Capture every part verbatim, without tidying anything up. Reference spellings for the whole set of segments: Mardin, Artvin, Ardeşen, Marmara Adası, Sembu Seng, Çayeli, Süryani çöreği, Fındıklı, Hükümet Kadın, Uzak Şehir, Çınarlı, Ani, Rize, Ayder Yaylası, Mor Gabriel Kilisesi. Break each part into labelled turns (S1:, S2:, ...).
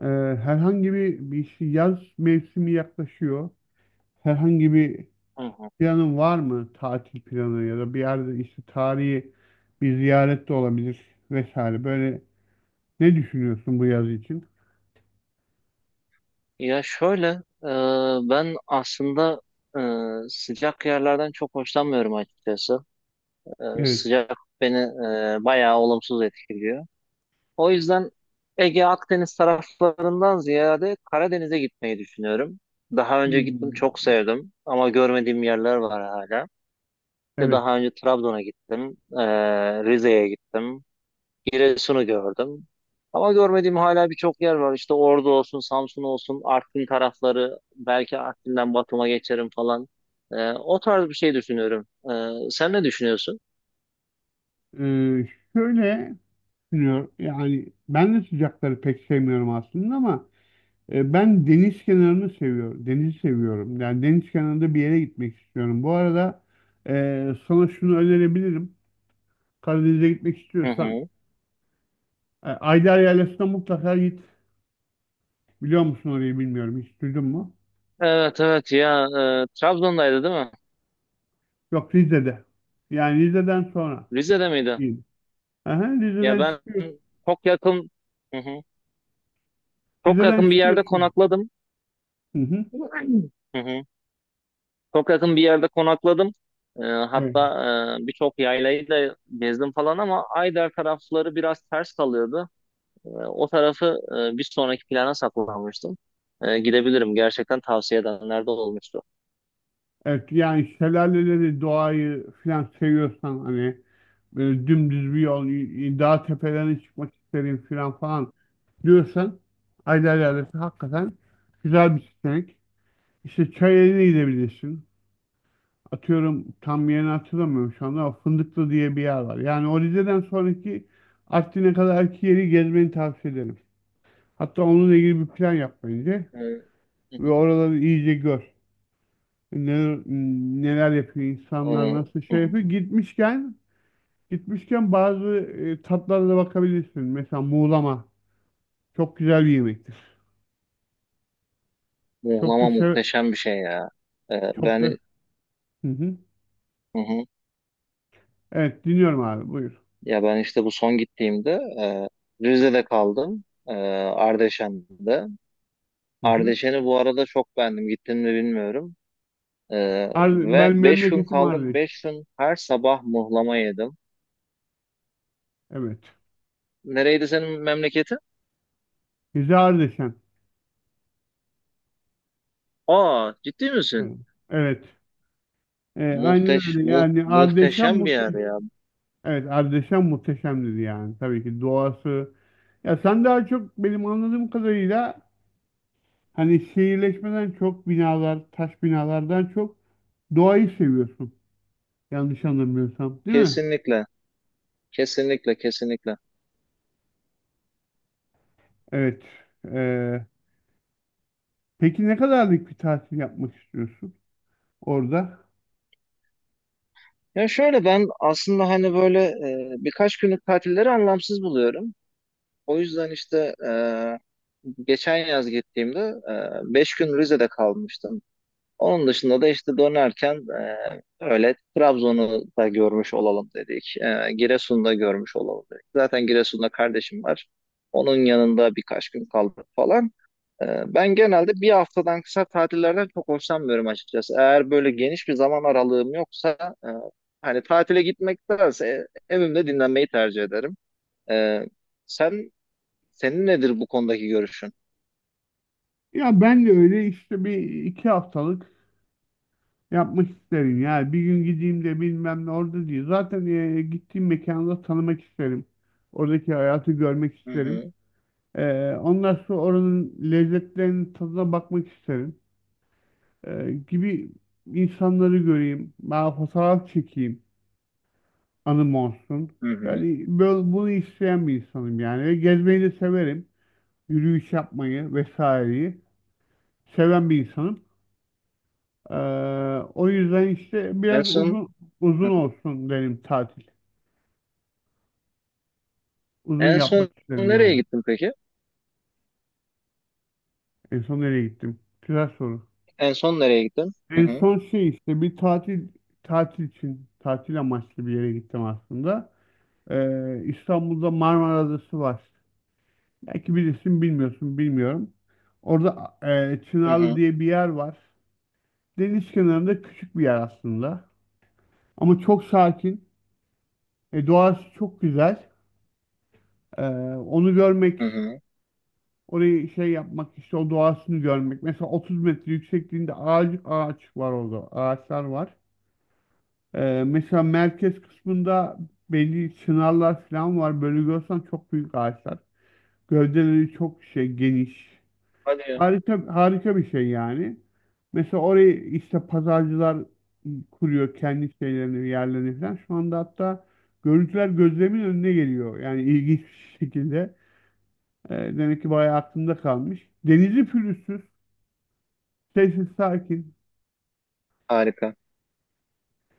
S1: Ee, herhangi bir, bir şey- yaz mevsimi yaklaşıyor. Herhangi bir
S2: Hı hı.
S1: planın var mı? Tatil planı ya da bir yerde işte tarihi bir ziyaret de olabilir vesaire. Böyle ne düşünüyorsun bu yaz için?
S2: Ya şöyle, e, ben aslında e, sıcak yerlerden çok hoşlanmıyorum açıkçası. E,
S1: Evet.
S2: sıcak beni e, bayağı olumsuz etkiliyor. O yüzden Ege Akdeniz taraflarından ziyade Karadeniz'e gitmeyi düşünüyorum. Daha önce gittim, çok
S1: Hmm.
S2: sevdim ama görmediğim yerler var hala. İşte
S1: Evet.
S2: daha önce Trabzon'a gittim, e, Rize'ye gittim. Giresun'u gördüm. Ama görmediğim hala birçok yer var. İşte Ordu olsun, Samsun olsun, Artvin tarafları, belki Artvin'den Batum'a geçerim falan. Ee, o tarz bir şey düşünüyorum. Ee, sen ne düşünüyorsun?
S1: Ee, Şöyle düşünüyorum. Yani ben de sıcakları pek sevmiyorum aslında ama e, ben deniz kenarını seviyorum. Denizi seviyorum. Yani deniz kenarında bir yere gitmek istiyorum. Bu arada e, sana şunu önerebilirim. Karadeniz'e gitmek
S2: Hı
S1: istiyorsan
S2: hı.
S1: e, Ayder Yaylası'na mutlaka git. Biliyor musun orayı, bilmiyorum. Hiç duydun mu?
S2: Evet evet, ya, e, Trabzon'daydı değil mi?
S1: Yok, Rize'de. Yani Rize'den sonra.
S2: Rize'de miydi?
S1: Değil. Aha,
S2: Ya
S1: Rize'den
S2: ben
S1: çıkıyorsun.
S2: çok yakın, hı hı, çok
S1: Rize'den
S2: yakın bir yerde
S1: çıkıyorsun.
S2: konakladım.
S1: Hı hı.
S2: Hı hı. Çok yakın bir yerde konakladım. E,
S1: Evet.
S2: hatta e, birçok yaylayı da gezdim falan ama Ayder tarafları biraz ters kalıyordu. E, o tarafı e, bir sonraki plana saklamıştım. E, gidebilirim. Gerçekten tavsiye edenler de olmuştu.
S1: Evet, yani şelaleleri, doğayı filan seviyorsan, hani böyle dümdüz bir yol, y- y- dağ tepelerine çıkmak isterim filan falan diyorsan, Ayder Yaylası hakikaten güzel bir seçenek. İşte Çayeli'ne gidebilirsin. Atıyorum, tam yerini hatırlamıyorum şu anda ama Fındıklı diye bir yer var. Yani o Rize'den sonraki Artvin'e kadarki yeri gezmeni tavsiye ederim. Hatta onunla ilgili bir plan yap bence
S2: E, hı
S1: ve
S2: hı.
S1: oraları iyice gör. Neler, neler yapıyor insanlar,
S2: E,
S1: nasıl
S2: hı
S1: şey
S2: hı.
S1: yapıyor. Gitmişken gitmişken bazı e, tatlara da bakabilirsin. Mesela muğlama çok güzel bir yemektir. Çok da
S2: Muğlama
S1: sev,
S2: muhteşem bir şey ya. E,
S1: çok da...
S2: ben,
S1: Hı hı.
S2: hı hı.
S1: Evet, dinliyorum abi, buyur.
S2: Ya ben işte bu son gittiğimde e, Rize'de kaldım. E, Ardeşen'de.
S1: Hı hı.
S2: Ardeşen'i bu arada çok beğendim. Gittim mi bilmiyorum. E,
S1: Ar-
S2: Ve
S1: ben
S2: beş gün
S1: memleketim
S2: kaldım.
S1: Ardeş.
S2: Beş gün her sabah muhlama yedim.
S1: Evet.
S2: Nereydi senin memleketin?
S1: Rize Ardeşen.
S2: Aa, ciddi misin?
S1: Evet. Evet. E, aynen
S2: Muhteş,
S1: öyle.
S2: mu,
S1: Yani Ardeşen
S2: muhteşem bir yer
S1: muhteşem.
S2: ya.
S1: Evet, Ardeşen muhteşemdir yani. Tabii ki doğası. Ya sen daha çok benim anladığım kadarıyla hani şehirleşmeden çok binalar, taş binalardan çok doğayı seviyorsun. Yanlış anlamıyorsam, değil mi?
S2: Kesinlikle, kesinlikle, kesinlikle.
S1: Evet. E, peki ne kadarlık bir tatil yapmak istiyorsun orada?
S2: Ya şöyle, ben aslında hani böyle e, birkaç günlük tatilleri anlamsız buluyorum. O yüzden işte e, geçen yaz gittiğimde e, beş gün Rize'de kalmıştım. Onun dışında da işte dönerken e, öyle Trabzon'u da görmüş olalım dedik. E, Giresun'u da görmüş olalım dedik. Zaten Giresun'da kardeşim var. Onun yanında birkaç gün kaldık falan. E, Ben genelde bir haftadan kısa tatillerden çok hoşlanmıyorum açıkçası. Eğer böyle geniş bir zaman aralığım yoksa e, hani tatile gitmektense evimde dinlenmeyi tercih ederim. E, sen senin nedir bu konudaki görüşün?
S1: Ya ben de öyle işte bir iki haftalık yapmak isterim yani, bir gün gideyim de bilmem ne orada diye. Zaten e, gittiğim mekanı da tanımak isterim. Oradaki hayatı görmek
S2: Hı
S1: isterim.
S2: hı,
S1: E, ondan sonra oranın lezzetlerinin tadına bakmak isterim. E, gibi insanları göreyim. Ben fotoğraf çekeyim. Anım olsun.
S2: hı hı.
S1: Yani böyle, bunu isteyen bir insanım yani. Ve gezmeyi de severim. Yürüyüş yapmayı vesaireyi seven bir insanım. E, o yüzden işte
S2: En
S1: biraz
S2: son
S1: uzun uzun
S2: hı.
S1: olsun benim tatil. Uzun
S2: en son
S1: yapmak isterim
S2: nereye
S1: yani.
S2: gittin peki?
S1: En son nereye gittim? Güzel soru.
S2: En son nereye gittin? Hı
S1: En
S2: hı,
S1: son şey, işte bir tatil tatil için tatil amaçlı bir yere gittim aslında. Ee, İstanbul'da Marmara Adası var. Belki bilirsin, bilmiyorsun, bilmiyorum. Orada e,
S2: hı
S1: Çınarlı
S2: hı,
S1: diye bir yer var. Deniz kenarında küçük bir yer aslında. Ama çok sakin. E, doğası çok güzel. Ee, onu
S2: hı
S1: görmek,
S2: hı.
S1: orayı şey yapmak, işte o doğasını görmek. Mesela otuz metre yüksekliğinde ağaç, ağaç var orada. Ağaçlar var. Ee, mesela merkez kısmında belli çınarlar falan var. Böyle görsen çok büyük ağaçlar. Gövdeleri çok şey, geniş.
S2: Hadi ya.
S1: Harika harika bir şey yani. Mesela orayı işte pazarcılar kuruyor, kendi şeylerini, yerlerini falan. Şu anda hatta görüntüler gözlerimin önüne geliyor. Yani ilginç bir şekilde. Ee, demek ki bayağı aklımda kalmış. Denizi pürüzsüz. Sessiz sakin.
S2: Harika.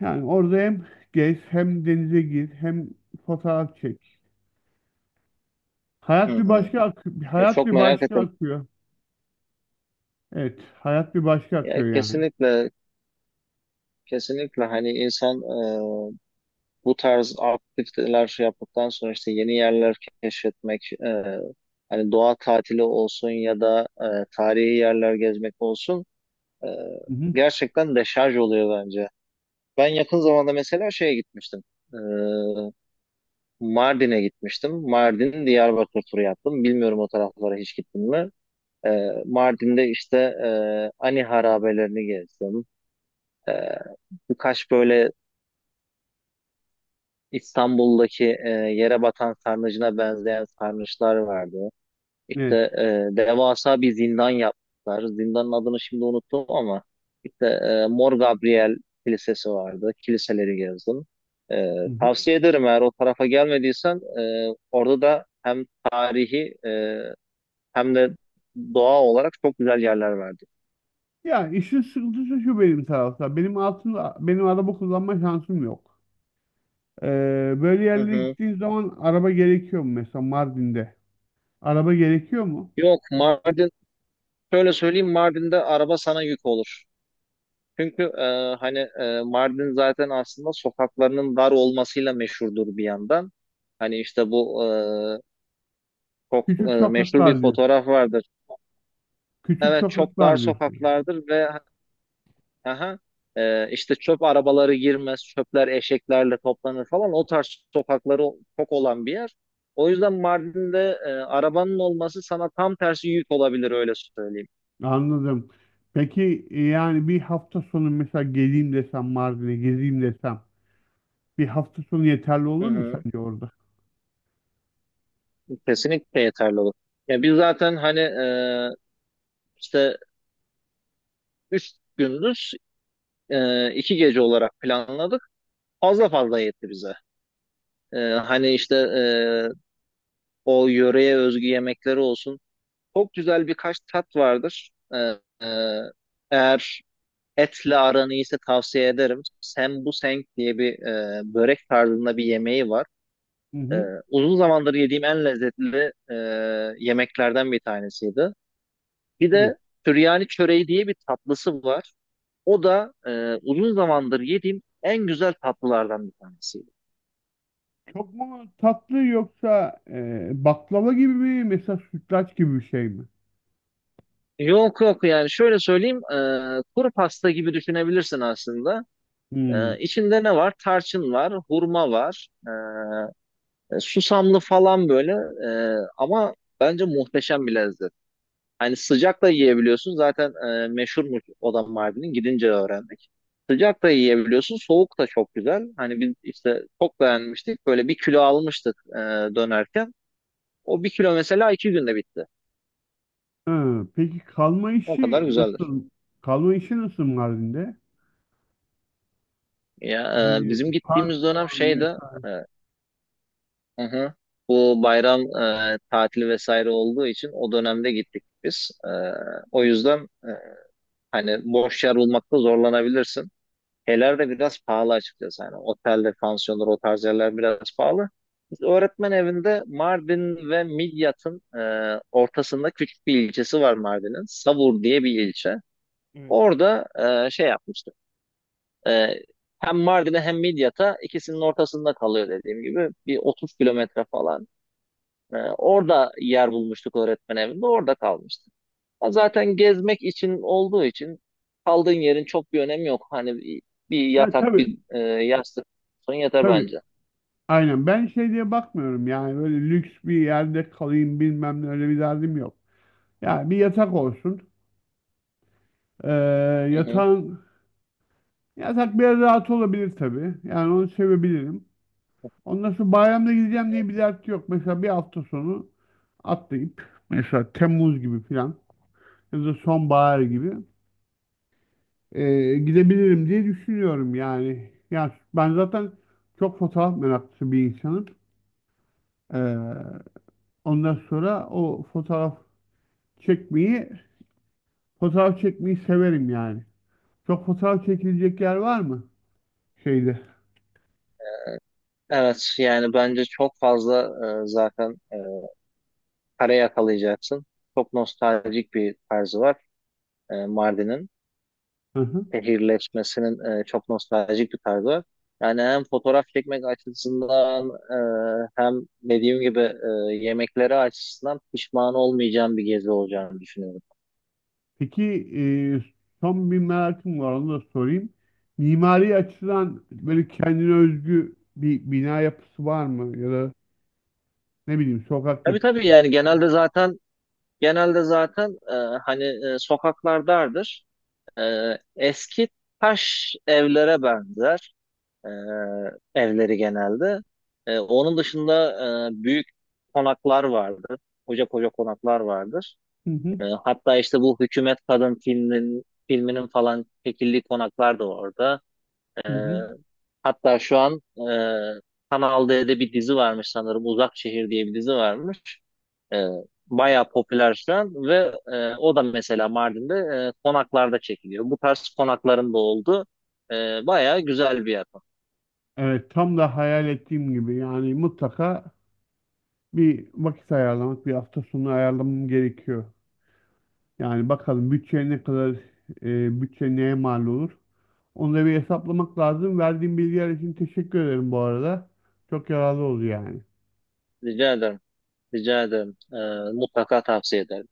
S1: Yani orada hem gez, hem denize gir, hem fotoğraf çek.
S2: Hı
S1: Hayat bir
S2: hı.
S1: başka akıyor.
S2: Ya
S1: Hayat
S2: çok
S1: bir
S2: merak
S1: başka
S2: ettim.
S1: akıyor. Evet. Hayat bir başka
S2: Ya
S1: akıyor yani.
S2: kesinlikle, kesinlikle, hani insan bu tarz aktiviteler şey yaptıktan sonra işte yeni yerler keşfetmek, e, hani doğa tatili olsun ya da e, tarihi yerler gezmek olsun, e,
S1: Hı hı.
S2: gerçekten deşarj oluyor bence. Ben yakın zamanda mesela şeye gitmiştim. E, Mardin'e gitmiştim. Mardin Diyarbakır turu yaptım. Bilmiyorum o taraflara hiç gittim mi? E, Mardin'de işte e, Ani harabelerini gezdim. E, Birkaç böyle İstanbul'daki e, yere batan sarnıcına benzeyen sarnıçlar vardı. İşte
S1: Evet.
S2: e, devasa bir zindan yaptılar. Zindanın adını şimdi unuttum ama işte e, Mor Gabriel Kilisesi vardı. Kiliseleri gezdim. E,
S1: Hı hı.
S2: Tavsiye ederim, eğer o tarafa gelmediysen e, orada da hem tarihi, e, hem de doğa olarak çok güzel yerler vardı.
S1: Ya işin sıkıntısı şu benim tarafta. Benim altında benim araba kullanma şansım yok. Ee, böyle
S2: Hı
S1: yerlere
S2: hı.
S1: gittiğin zaman araba gerekiyor mu mesela Mardin'de? Araba gerekiyor mu?
S2: Yok, Mardin, şöyle söyleyeyim, Mardin'de araba sana yük olur. Çünkü e, hani, e, Mardin zaten aslında sokaklarının dar olmasıyla meşhurdur bir yandan. Hani işte bu e, çok
S1: Küçük
S2: e, meşhur bir
S1: sokaklar diyor.
S2: fotoğraf vardır.
S1: Küçük
S2: Evet, çok dar
S1: sokaklar diyor.
S2: sokaklardır ve, aha, e, işte çöp arabaları girmez, çöpler eşeklerle toplanır falan. O tarz sokakları çok olan bir yer. O yüzden Mardin'de e, arabanın olması sana tam tersi yük olabilir, öyle söyleyeyim.
S1: Anladım. Peki e, yani bir hafta sonu mesela geleyim desem, Mardin'e gezeyim desem, bir hafta sonu yeterli
S2: Hı
S1: olur mu
S2: hı,
S1: sence orada?
S2: kesinlikle yeterli olur. Ya biz zaten hani e, işte üç gündüz, e, iki gece olarak planladık. Fazla fazla yetti bize. E, hani işte e, o yöreye özgü yemekleri olsun. Çok güzel birkaç tat vardır. E, e, Eğer etle aran iyiyse tavsiye ederim. Sembu Seng diye bir, e, börek tarzında bir yemeği var.
S1: Hı
S2: E,
S1: hı.
S2: Uzun zamandır yediğim en lezzetli e, yemeklerden bir tanesiydi. Bir
S1: Evet.
S2: de Süryani çöreği diye bir tatlısı var. O da e, uzun zamandır yediğim en güzel tatlılardan bir tanesi.
S1: Çok mu tatlı, yoksa e, baklava gibi mi, mesela sütlaç gibi bir şey mi?
S2: Yok yok, yani şöyle söyleyeyim, e, kuru pasta gibi düşünebilirsin aslında.
S1: Hmm.
S2: E, içinde ne var? Tarçın var, hurma var, e, susamlı falan böyle. E, ama bence muhteşem bir lezzet. Hani sıcak da yiyebiliyorsun zaten, e, meşhurmuş oda Mardin'in, gidince öğrendik. Sıcak da yiyebiliyorsun, soğuk da çok güzel. Hani biz işte çok beğenmiştik, böyle bir kilo almıştık e, dönerken. O bir kilo mesela iki günde bitti.
S1: Ha, peki kalma
S2: O kadar
S1: işi
S2: güzeldir.
S1: nasıl? Kalma işi nasıl Mardin'de?
S2: Ya, e,
S1: Yani
S2: bizim gittiğimiz dönem
S1: pansiyon
S2: şeydi.
S1: mesela.
S2: e, hı hı, bu bayram e, tatili vesaire olduğu için o dönemde gittik biz. E, o yüzden e, hani boş yer bulmakta zorlanabilirsin. Şeyler de biraz pahalı açıkçası. Yani otelde, pansiyonlar, o tarz yerler biraz pahalı. Biz öğretmen evinde, Mardin ve Midyat'ın e, ortasında, küçük bir ilçesi var Mardin'in. Savur diye bir ilçe.
S1: Evet.
S2: Orada e, şey yapmıştık. Ee, Hem Mardin'e hem Midyat'a, ikisinin ortasında kalıyor dediğim gibi. Bir otuz kilometre falan. Ee, orada yer bulmuştuk öğretmen evinde. Orada kalmıştık. Ha, zaten gezmek için olduğu için kaldığın yerin çok bir önemi yok. Hani bir, bir
S1: Ya
S2: yatak,
S1: tabii
S2: bir, e, yastık son yeter
S1: tabii.
S2: bence.
S1: Aynen. Ben şey diye bakmıyorum yani, böyle lüks bir yerde kalayım bilmem ne, öyle bir derdim yok. Yani bir yatak olsun. Ee,
S2: Hı hı.
S1: yatağın yatak biraz rahat olabilir tabii. Yani onu sevebilirim. Ondan sonra bayramda gideceğim diye bir dert yok. Mesela bir hafta sonu atlayıp mesela Temmuz gibi falan ya da sonbahar gibi, ee, gidebilirim diye düşünüyorum yani. Yani ben zaten çok fotoğraf meraklısı bir insanım. Ee, ondan sonra o fotoğraf çekmeyi fotoğraf çekmeyi severim yani. Çok fotoğraf çekilecek yer var mı şeyde?
S2: Evet, yani bence çok fazla, e, zaten e, para yakalayacaksın. Çok nostaljik bir tarzı var e, Mardin'in.
S1: Hı hı.
S2: Şehirleşmesinin e, çok nostaljik bir tarzı var. Yani hem fotoğraf çekmek açısından, e, hem dediğim gibi e, yemekleri açısından pişman olmayacağım bir gezi olacağını düşünüyorum.
S1: Peki e, son bir merakım var, onu da sorayım. Mimari açıdan böyle kendine özgü bir bina yapısı var mı? Ya da ne bileyim, sokak
S2: Tabii
S1: yapısı.
S2: tabii, yani genelde zaten genelde zaten e, hani e, sokaklar dardır. E, Eski taş evlere benzer e, evleri genelde. E, onun dışında e, büyük konaklar vardır. Koca koca konaklar vardır.
S1: Hı hı,
S2: E, hatta işte bu Hükümet Kadın filminin filminin falan çekildiği konaklar da orada. E,
S1: hı hı.
S2: Hatta şu an e, Kanal D'de bir dizi varmış sanırım. Uzak Şehir diye bir dizi varmış. E, Bayağı popüler şu an ve e, o da mesela Mardin'de e, konaklarda çekiliyor. Bu tarz konakların da oldu. E, bayağı güzel bir yapım.
S1: Evet, tam da hayal ettiğim gibi yani, mutlaka bir vakit ayarlamak, bir hafta sonu ayarlamam gerekiyor. Yani bakalım bütçe ne kadar, e, bütçe neye mal olur? Onu da bir hesaplamak lazım. Verdiğin bilgiler için teşekkür ederim bu arada. Çok yararlı oldu yani.
S2: Rica ederim. Rica ederim. E, mutlaka tavsiye ederim.